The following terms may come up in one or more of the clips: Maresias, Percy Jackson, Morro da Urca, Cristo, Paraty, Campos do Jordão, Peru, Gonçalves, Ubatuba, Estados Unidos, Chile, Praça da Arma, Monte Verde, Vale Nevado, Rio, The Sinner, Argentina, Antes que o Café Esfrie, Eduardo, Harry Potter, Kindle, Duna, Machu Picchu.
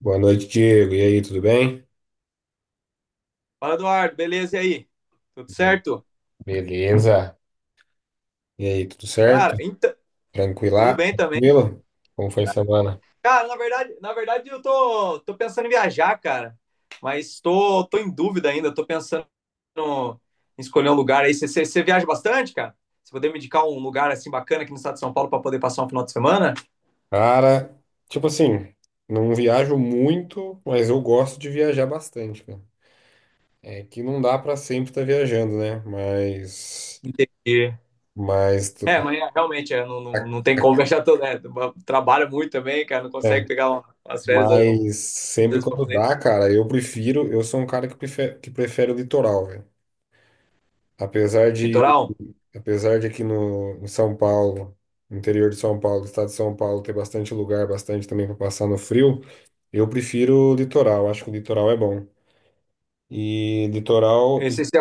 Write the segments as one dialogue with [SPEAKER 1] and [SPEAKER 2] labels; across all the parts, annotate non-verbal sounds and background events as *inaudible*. [SPEAKER 1] Boa noite, Diego. E aí, tudo bem?
[SPEAKER 2] Fala, Eduardo, beleza? E aí? Tudo
[SPEAKER 1] Be-
[SPEAKER 2] certo?
[SPEAKER 1] Beleza. E aí, tudo
[SPEAKER 2] Cara,
[SPEAKER 1] certo?
[SPEAKER 2] então, tudo
[SPEAKER 1] Tranquila?
[SPEAKER 2] bem também.
[SPEAKER 1] Tranquilo? Como foi a semana?
[SPEAKER 2] Cara, na verdade, eu tô pensando em viajar, cara. Mas tô em dúvida ainda, tô pensando no- em escolher um lugar aí. Você viaja bastante, cara? Você poder me indicar um lugar assim bacana aqui no estado de São Paulo para poder passar um final de semana?
[SPEAKER 1] Cara, tipo assim, não viajo muito, mas eu gosto de viajar bastante, cara. É que não dá pra sempre estar viajando, né?
[SPEAKER 2] Entendi.
[SPEAKER 1] Mas,
[SPEAKER 2] É,
[SPEAKER 1] tu-
[SPEAKER 2] mas é, realmente é, não tem como *laughs* viajar todo, né? Trabalha muito também, cara, não consegue
[SPEAKER 1] é,
[SPEAKER 2] pegar umas férias às
[SPEAKER 1] mas sempre
[SPEAKER 2] vezes para
[SPEAKER 1] quando
[SPEAKER 2] poder
[SPEAKER 1] dá, cara, eu prefiro, eu sou um cara que prefere o litoral, velho. Apesar de
[SPEAKER 2] litoral.
[SPEAKER 1] Apesar de aqui no, em São Paulo, no interior de São Paulo, do estado de São Paulo, ter bastante lugar, bastante também para passar no frio, eu prefiro o litoral. Acho que o litoral é bom. E
[SPEAKER 2] Eu
[SPEAKER 1] litoral,
[SPEAKER 2] não
[SPEAKER 1] e
[SPEAKER 2] sei se é,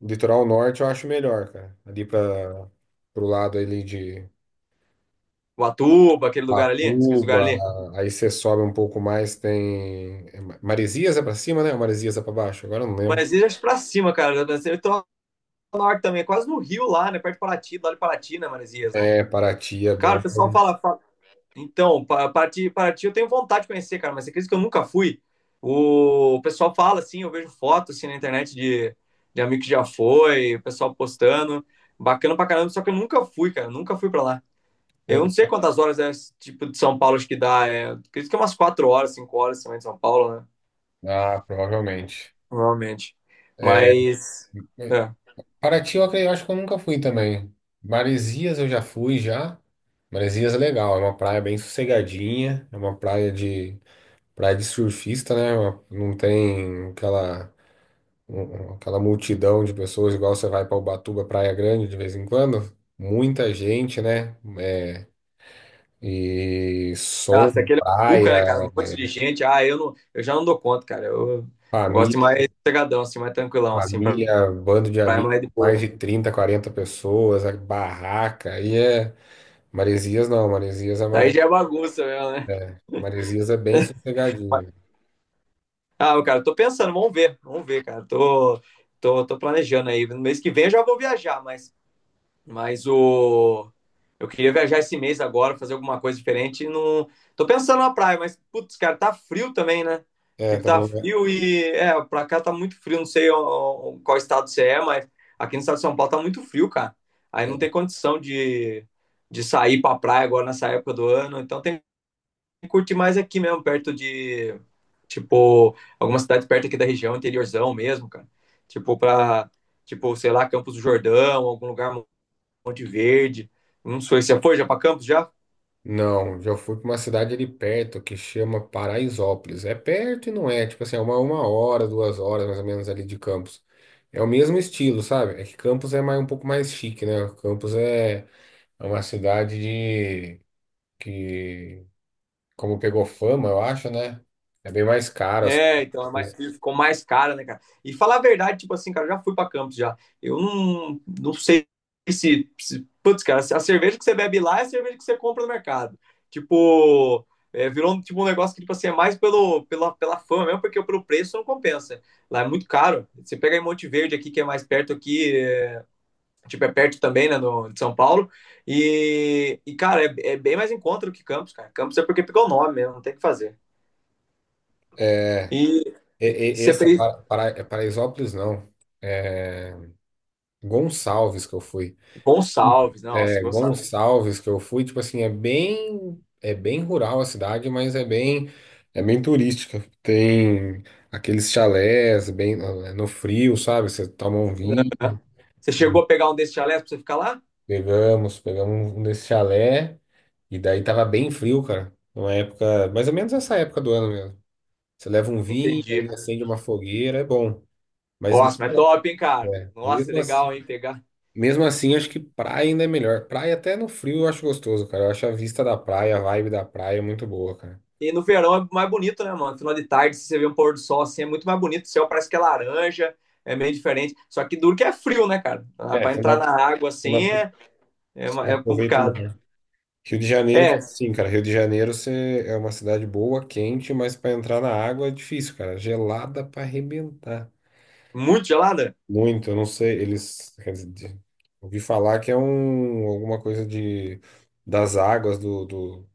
[SPEAKER 1] Litoral norte eu acho melhor, cara. Ali para Pro lado ali de
[SPEAKER 2] Ubatuba, aquele lugar ali, aquele lugar
[SPEAKER 1] Patuba,
[SPEAKER 2] ali.
[SPEAKER 1] aí você sobe um pouco mais, tem é Maresias é para cima, né? Ou Maresias é para baixo? Agora eu não lembro.
[SPEAKER 2] Maresias pra cima, cara. Eu tô lá no norte também, é quase no Rio lá, né? Perto de Paraty, lá de Paraty, né, Maresias, né?
[SPEAKER 1] É, Paraty é
[SPEAKER 2] Cara, o
[SPEAKER 1] bom.
[SPEAKER 2] pessoal fala. Então, Paraty, Paraty eu tenho vontade de conhecer, cara, mas você acredita que eu nunca fui? O pessoal fala, assim, eu vejo fotos, assim, na internet de amigo que já foi, o pessoal postando. Bacana pra caramba, só que eu nunca fui, cara. Eu Nunca fui pra lá. Eu não
[SPEAKER 1] Eu-
[SPEAKER 2] sei quantas horas é, tipo, de São Paulo acho que dá. É, acredito que é umas 4 horas, 5 horas também de São Paulo, né?
[SPEAKER 1] Ah, provavelmente.
[SPEAKER 2] Provavelmente.
[SPEAKER 1] É,
[SPEAKER 2] Mas. É.
[SPEAKER 1] Paraty, eu acho que eu nunca fui também. Maresias eu já fui já. Maresias é legal, é uma praia bem sossegadinha, é uma praia de surfista, né? Não tem aquela aquela multidão de pessoas igual você vai para Ubatuba, Praia Grande de vez em quando. Muita gente, né? É, e som,
[SPEAKER 2] Nossa, aquele é um buca, né, cara?
[SPEAKER 1] praia,
[SPEAKER 2] Um monte de gente. Ah, eu já não dou conta, cara. Eu gosto de
[SPEAKER 1] família,
[SPEAKER 2] mais sossegadão, assim, mais tranquilão, assim, pra
[SPEAKER 1] família, bando de
[SPEAKER 2] praia
[SPEAKER 1] amigos,
[SPEAKER 2] mais de boa.
[SPEAKER 1] mais de 30 40 pessoas, a barraca, e é Maresias não, Maresias é
[SPEAKER 2] Aí
[SPEAKER 1] mais
[SPEAKER 2] já é bagunça mesmo, né?
[SPEAKER 1] Maresias é bem sossegadinho.
[SPEAKER 2] Ah, cara, eu tô pensando, vamos ver, cara. Tô planejando aí. No mês que vem eu já vou viajar, mas o. Eu queria viajar esse mês agora, fazer alguma coisa diferente. Não. Tô pensando na praia, mas, putz, cara, tá frio também, né?
[SPEAKER 1] É,
[SPEAKER 2] Tipo,
[SPEAKER 1] tá
[SPEAKER 2] tá
[SPEAKER 1] bom, né?
[SPEAKER 2] frio e. É, pra cá tá muito frio, não sei ó, qual estado você é, mas aqui no estado de São Paulo tá muito frio, cara. Aí não tem
[SPEAKER 1] É.
[SPEAKER 2] condição de sair pra praia agora nessa época do ano. Então tem que curtir mais aqui mesmo, perto de. Tipo, alguma cidade perto aqui da região, interiorzão mesmo, cara. Tipo, pra. Tipo, sei lá, Campos do Jordão, algum lugar Monte Verde. Não sei, você foi já para Campos já?
[SPEAKER 1] Não, já fui para uma cidade ali perto que chama Paraisópolis. É perto e não é, tipo assim, é uma hora, 2 horas mais ou menos ali de Campos. É o mesmo estilo, sabe? É que Campos um pouco mais chique, né? Campos é uma cidade que, como pegou fama, eu acho, né? É bem mais caro as
[SPEAKER 2] É, então é
[SPEAKER 1] coisas.
[SPEAKER 2] ficou mais cara, né, cara? E falar a verdade, tipo assim, cara, eu já fui pra Campos já. Eu não sei se. Putz, cara, a cerveja que você bebe lá é a cerveja que você compra no mercado. Tipo, é, virou tipo, um negócio que, tipo assim, é mais pelo, pela fama mesmo, porque pelo preço não compensa. Lá é muito caro. Você pega em Monte Verde aqui, que é mais perto aqui, tipo, é perto também, né, no, de São Paulo. E cara, é bem mais encontro que Campos, cara. Campos é porque pegou o nome mesmo, não tem o que fazer.
[SPEAKER 1] É,
[SPEAKER 2] E, e você fez
[SPEAKER 1] Paraisópolis não, Gonçalves que eu fui.
[SPEAKER 2] Gonçalves, né? Nossa,
[SPEAKER 1] É
[SPEAKER 2] Gonçalves.
[SPEAKER 1] Gonçalves que eu fui, tipo assim, é bem rural a cidade, mas é bem turística. Tem aqueles chalés bem no frio, sabe? Você toma um vinho.
[SPEAKER 2] Né? Você
[SPEAKER 1] E
[SPEAKER 2] chegou a pegar um desses chalés pra você ficar lá?
[SPEAKER 1] pegamos um desse chalé e daí tava bem frio, cara. Uma época, mais ou menos essa época do ano mesmo. Você leva um vinho,
[SPEAKER 2] Entendi.
[SPEAKER 1] aí acende uma fogueira, é bom. Mas
[SPEAKER 2] Nossa,
[SPEAKER 1] mesmo,
[SPEAKER 2] mas
[SPEAKER 1] assim,
[SPEAKER 2] top, hein, cara?
[SPEAKER 1] é,
[SPEAKER 2] Nossa,
[SPEAKER 1] mesmo
[SPEAKER 2] legal, hein,
[SPEAKER 1] assim,
[SPEAKER 2] pegar.
[SPEAKER 1] Mesmo assim, acho que praia ainda é melhor. Praia até no frio eu acho gostoso, cara. Eu acho a vista da praia, a vibe da praia é muito boa, cara.
[SPEAKER 2] E no verão é mais bonito, né, mano? Final de tarde, se você vê um pôr do sol assim, é muito mais bonito. O céu parece que é laranja, é meio diferente. Só que duro que é frio, né, cara?
[SPEAKER 1] É,
[SPEAKER 2] Pra entrar na água
[SPEAKER 1] Você não
[SPEAKER 2] assim
[SPEAKER 1] apro- você não
[SPEAKER 2] é
[SPEAKER 1] aproveita o
[SPEAKER 2] complicado.
[SPEAKER 1] mar. Rio de Janeiro,
[SPEAKER 2] É,
[SPEAKER 1] sim, cara. Rio de Janeiro você é uma cidade boa, quente, mas para entrar na água é difícil, cara. Gelada para arrebentar.
[SPEAKER 2] muito gelada?
[SPEAKER 1] Muito, eu não sei. Eles, quer dizer, ouvi falar que é um, alguma coisa de, das águas do, do,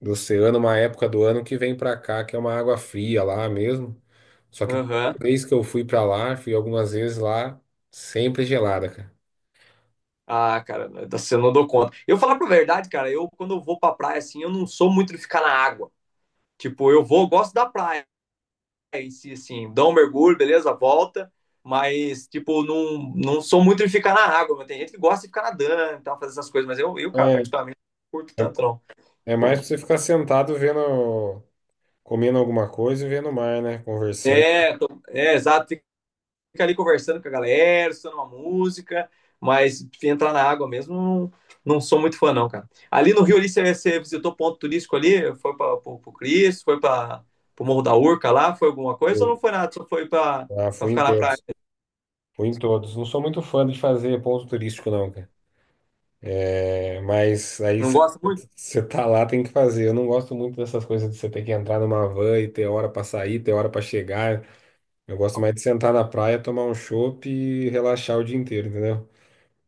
[SPEAKER 1] do oceano, uma época do ano que vem para cá, que é uma água fria lá mesmo. Só que toda
[SPEAKER 2] Aham.
[SPEAKER 1] vez que eu fui pra lá, fui algumas vezes lá, sempre gelada, cara.
[SPEAKER 2] Ah, cara, você não dou conta. Eu falar pra verdade, cara, eu quando eu vou pra praia, assim, eu não sou muito de ficar na água. Tipo, eu vou, eu gosto da praia em si, assim, dou um mergulho, beleza, volta. Mas, tipo, não sou muito de ficar na água. Mas tem gente que gosta de ficar nadando e tal, fazer essas coisas. Mas
[SPEAKER 1] É,
[SPEAKER 2] cara, particularmente, não curto
[SPEAKER 1] é,
[SPEAKER 2] tanto, não.
[SPEAKER 1] é mais
[SPEAKER 2] Eu-
[SPEAKER 1] pra você ficar sentado vendo, comendo alguma coisa e vendo o mar, né? Conversando.
[SPEAKER 2] É, é, exato. Fica ali conversando com a galera, estudando uma música, mas entrar na água mesmo, não, não sou muito fã, não, cara. Ali no Rio, ali, você visitou ponto turístico ali? Foi para o Cristo, foi para o Morro da Urca lá? Foi alguma coisa ou não foi nada? Só foi para
[SPEAKER 1] Ah, fui em
[SPEAKER 2] ficar na praia?
[SPEAKER 1] todos. Fui em todos. Não sou muito fã de fazer ponto turístico, não, cara. É, mas aí
[SPEAKER 2] Não gosta muito?
[SPEAKER 1] você tá lá, tem que fazer. Eu não gosto muito dessas coisas de você ter que entrar numa van e ter hora pra sair, ter hora pra chegar. Eu gosto mais de sentar na praia, tomar um chopp e relaxar o dia inteiro, entendeu?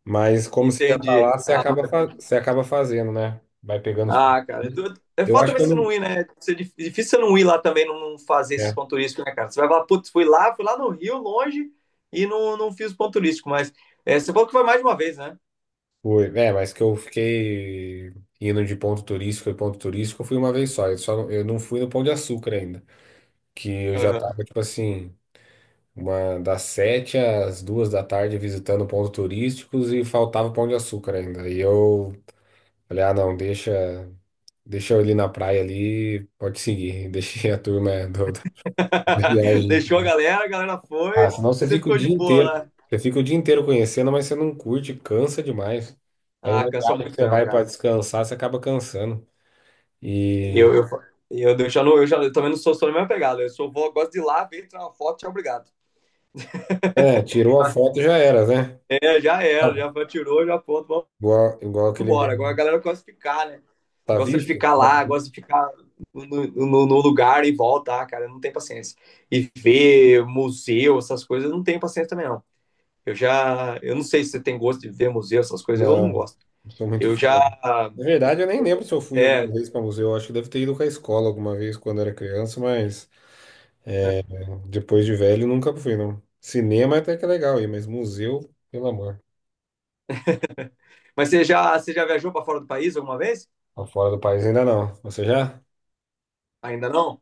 [SPEAKER 1] Mas como você já tá
[SPEAKER 2] Entendi.
[SPEAKER 1] lá, você acaba, você acaba fazendo, né? Vai pegando os.
[SPEAKER 2] Ah, cara, é é
[SPEAKER 1] Eu
[SPEAKER 2] foda
[SPEAKER 1] acho que
[SPEAKER 2] também
[SPEAKER 1] eu
[SPEAKER 2] você não
[SPEAKER 1] não.
[SPEAKER 2] ir, né? Isso é difícil você não ir lá também, não fazer esses
[SPEAKER 1] É,
[SPEAKER 2] pontos turísticos, né, cara? Você vai falar, putz, fui lá no Rio, longe, não, não fiz ponto turístico, mas é, você falou que foi mais de uma vez,
[SPEAKER 1] foi. É, mas que eu fiquei indo de ponto turístico e ponto turístico, eu fui uma vez só. Eu, só não, eu não fui no Pão de Açúcar ainda. Que eu já
[SPEAKER 2] né?
[SPEAKER 1] tava, tipo assim, uma, das 7 às 2 da tarde visitando pontos turísticos e faltava Pão de Açúcar ainda. E eu falei, ah, não, deixa eu ali na praia ali, pode seguir. *laughs* Deixei a turma da
[SPEAKER 2] *laughs*
[SPEAKER 1] viagem.
[SPEAKER 2] Deixou a galera
[SPEAKER 1] Ah,
[SPEAKER 2] foi,
[SPEAKER 1] senão você
[SPEAKER 2] você
[SPEAKER 1] fica o
[SPEAKER 2] ficou de
[SPEAKER 1] dia
[SPEAKER 2] boa
[SPEAKER 1] inteiro.
[SPEAKER 2] lá.
[SPEAKER 1] Você fica o dia inteiro conhecendo, mas você não curte, cansa demais. Aí
[SPEAKER 2] Ah,
[SPEAKER 1] uma
[SPEAKER 2] cansa
[SPEAKER 1] viagem que
[SPEAKER 2] muito
[SPEAKER 1] você
[SPEAKER 2] mesmo,
[SPEAKER 1] vai para
[SPEAKER 2] cara.
[SPEAKER 1] descansar, você acaba cansando. E
[SPEAKER 2] Eu, eu, eu já não, eu também não sou só na mesma pegada. Eu sou vou, gosto de ir lá, ver, tirar uma foto, tchau, obrigado.
[SPEAKER 1] é, tirou a foto já era, né?
[SPEAKER 2] É, já era,
[SPEAKER 1] Tá.
[SPEAKER 2] já foi, tirou, já pronto, vamos
[SPEAKER 1] Igual, igual aquele
[SPEAKER 2] embora. Agora a
[SPEAKER 1] mesmo.
[SPEAKER 2] galera gosta de ficar, né?
[SPEAKER 1] Tá
[SPEAKER 2] Gosta de
[SPEAKER 1] visto?
[SPEAKER 2] ficar
[SPEAKER 1] Tá.
[SPEAKER 2] lá, gosta de ficar no, no lugar e volta, ah, cara, não tem paciência. E ver museu, essas coisas, eu não tenho paciência também, não. Eu não sei se você tem gosto de ver museu, essas coisas, eu não
[SPEAKER 1] Não,
[SPEAKER 2] gosto.
[SPEAKER 1] não sou muito
[SPEAKER 2] Eu
[SPEAKER 1] fã,
[SPEAKER 2] já,
[SPEAKER 1] não. Na verdade, eu nem lembro se eu fui alguma
[SPEAKER 2] é,
[SPEAKER 1] vez para museu. Eu acho que deve ter ido com a escola alguma vez quando era criança, mas depois de velho nunca fui, não. Cinema é até que é legal aí, mas museu, pelo amor.
[SPEAKER 2] Mas você já viajou para fora do país alguma vez?
[SPEAKER 1] Pra fora do país ainda não. Você já?
[SPEAKER 2] Ainda não?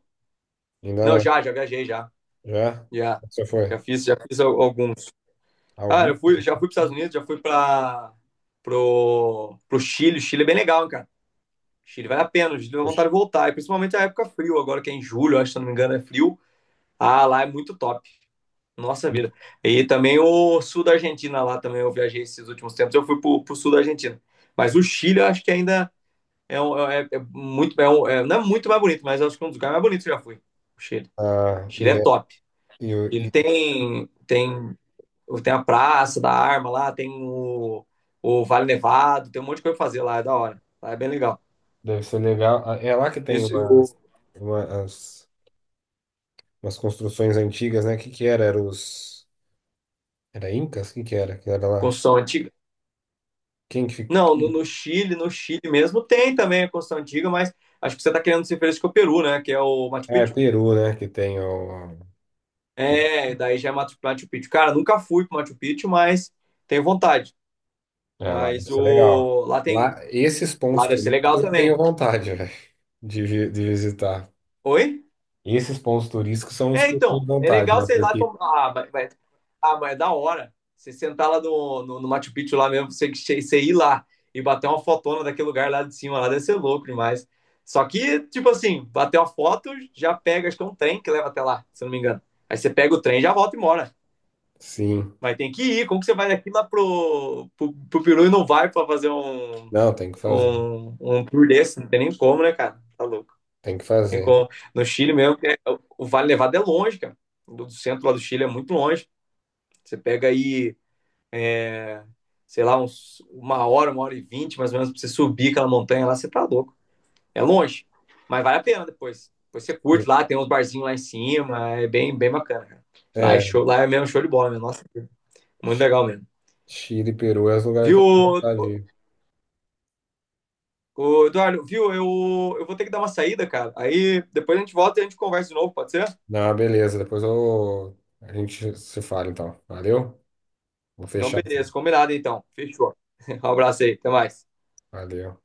[SPEAKER 1] Ainda
[SPEAKER 2] Não,
[SPEAKER 1] não.
[SPEAKER 2] já, já viajei, já.
[SPEAKER 1] Já?
[SPEAKER 2] Já,
[SPEAKER 1] Você foi?
[SPEAKER 2] já fiz alguns. Ah, eu
[SPEAKER 1] Alguns?
[SPEAKER 2] fui, já fui para os Estados Unidos, já fui para pro Chile. O Chile é bem legal, hein, cara. O Chile vale a pena, o Chile dá
[SPEAKER 1] Poxa.
[SPEAKER 2] vontade de voltar. E principalmente a época frio, agora que é em julho, eu acho, se eu não me engano, é frio. Ah, lá é muito top. Nossa vida. E também o sul da Argentina lá também, eu viajei esses últimos tempos. Eu fui pro sul da Argentina. Mas o Chile, eu acho que ainda é, é, é muito, é um, não é muito mais bonito, mas acho que é um dos lugares mais bonitos que eu já fui. O Chile.
[SPEAKER 1] Ah,
[SPEAKER 2] Chile
[SPEAKER 1] e,
[SPEAKER 2] é
[SPEAKER 1] é-
[SPEAKER 2] top.
[SPEAKER 1] e, o-
[SPEAKER 2] Ele
[SPEAKER 1] e
[SPEAKER 2] tem a Praça da Arma lá, tem o Vale Nevado, tem um monte de coisa pra fazer lá, é da hora. Lá é bem legal.
[SPEAKER 1] Deve ser legal. Ah, é lá que tem
[SPEAKER 2] Isso, o,
[SPEAKER 1] umas, umas construções antigas, né? O que que era? Era os... Era Incas? O que que era? Que era lá?
[SPEAKER 2] construção antiga.
[SPEAKER 1] Quem que fica?
[SPEAKER 2] Não, no Chile mesmo tem também a construção antiga, mas acho que você tá querendo se referir com o Peru, né? Que é o Machu
[SPEAKER 1] Ah, é
[SPEAKER 2] Picchu.
[SPEAKER 1] Peru, né? Que tem o...
[SPEAKER 2] É, daí já é Machu Picchu. Cara, nunca fui pro Machu Picchu, mas tenho vontade.
[SPEAKER 1] É, lá
[SPEAKER 2] Mas
[SPEAKER 1] deve ser legal.
[SPEAKER 2] o, lá tem.
[SPEAKER 1] Lá, esses
[SPEAKER 2] Lá
[SPEAKER 1] pontos
[SPEAKER 2] deve ser legal
[SPEAKER 1] turísticos eu tenho
[SPEAKER 2] também.
[SPEAKER 1] vontade, *laughs* velho, de, de visitar.
[SPEAKER 2] Oi?
[SPEAKER 1] Esses pontos turísticos são os
[SPEAKER 2] É,
[SPEAKER 1] que eu
[SPEAKER 2] então,
[SPEAKER 1] tenho
[SPEAKER 2] é
[SPEAKER 1] vontade,
[SPEAKER 2] legal
[SPEAKER 1] né?
[SPEAKER 2] sei lá.
[SPEAKER 1] Porque,
[SPEAKER 2] Tomar. Ah, mas é da hora. Você sentar lá no Machu Picchu lá mesmo, você ir lá e bater uma fotona daquele lugar lá de cima, lá deve ser louco demais. Só que, tipo assim, bater uma foto, já pega, acho que é um trem que leva até lá, se eu não me engano. Aí você pega o trem, já volta e mora.
[SPEAKER 1] sim.
[SPEAKER 2] Mas tem que ir. Como que você vai daqui lá pro Peru e não vai pra fazer
[SPEAKER 1] Não, tem que fazer.
[SPEAKER 2] um tour desse? Não tem nem como, né, cara? Tá louco.
[SPEAKER 1] Tem que
[SPEAKER 2] Tem
[SPEAKER 1] fazer.
[SPEAKER 2] como- No Chile mesmo, o Vale Nevado é longe, cara. Do do centro lá do Chile é muito longe. Você pega aí, é, sei lá, uma hora e 20, mais ou menos, pra você subir aquela montanha lá, você tá louco. É longe, mas vale a pena depois. Depois você curte lá, tem uns barzinhos lá em cima, bem bacana, cara. Lá é
[SPEAKER 1] É.
[SPEAKER 2] show, lá é mesmo show de bola, meu. Nossa, muito legal mesmo.
[SPEAKER 1] Chile, Peru é os lugares que
[SPEAKER 2] Viu,
[SPEAKER 1] eu tenho
[SPEAKER 2] ô-
[SPEAKER 1] vontade de ir.
[SPEAKER 2] ô, Eduardo? Viu? Eu vou ter que dar uma saída, cara. Aí depois a gente volta e a gente conversa de novo, pode ser?
[SPEAKER 1] Não, beleza. Depois eu... a gente se fala, então. Valeu? Vou
[SPEAKER 2] Então,
[SPEAKER 1] fechar.
[SPEAKER 2] beleza, combinado então. Fechou. *laughs* Um abraço aí, até mais.
[SPEAKER 1] Valeu.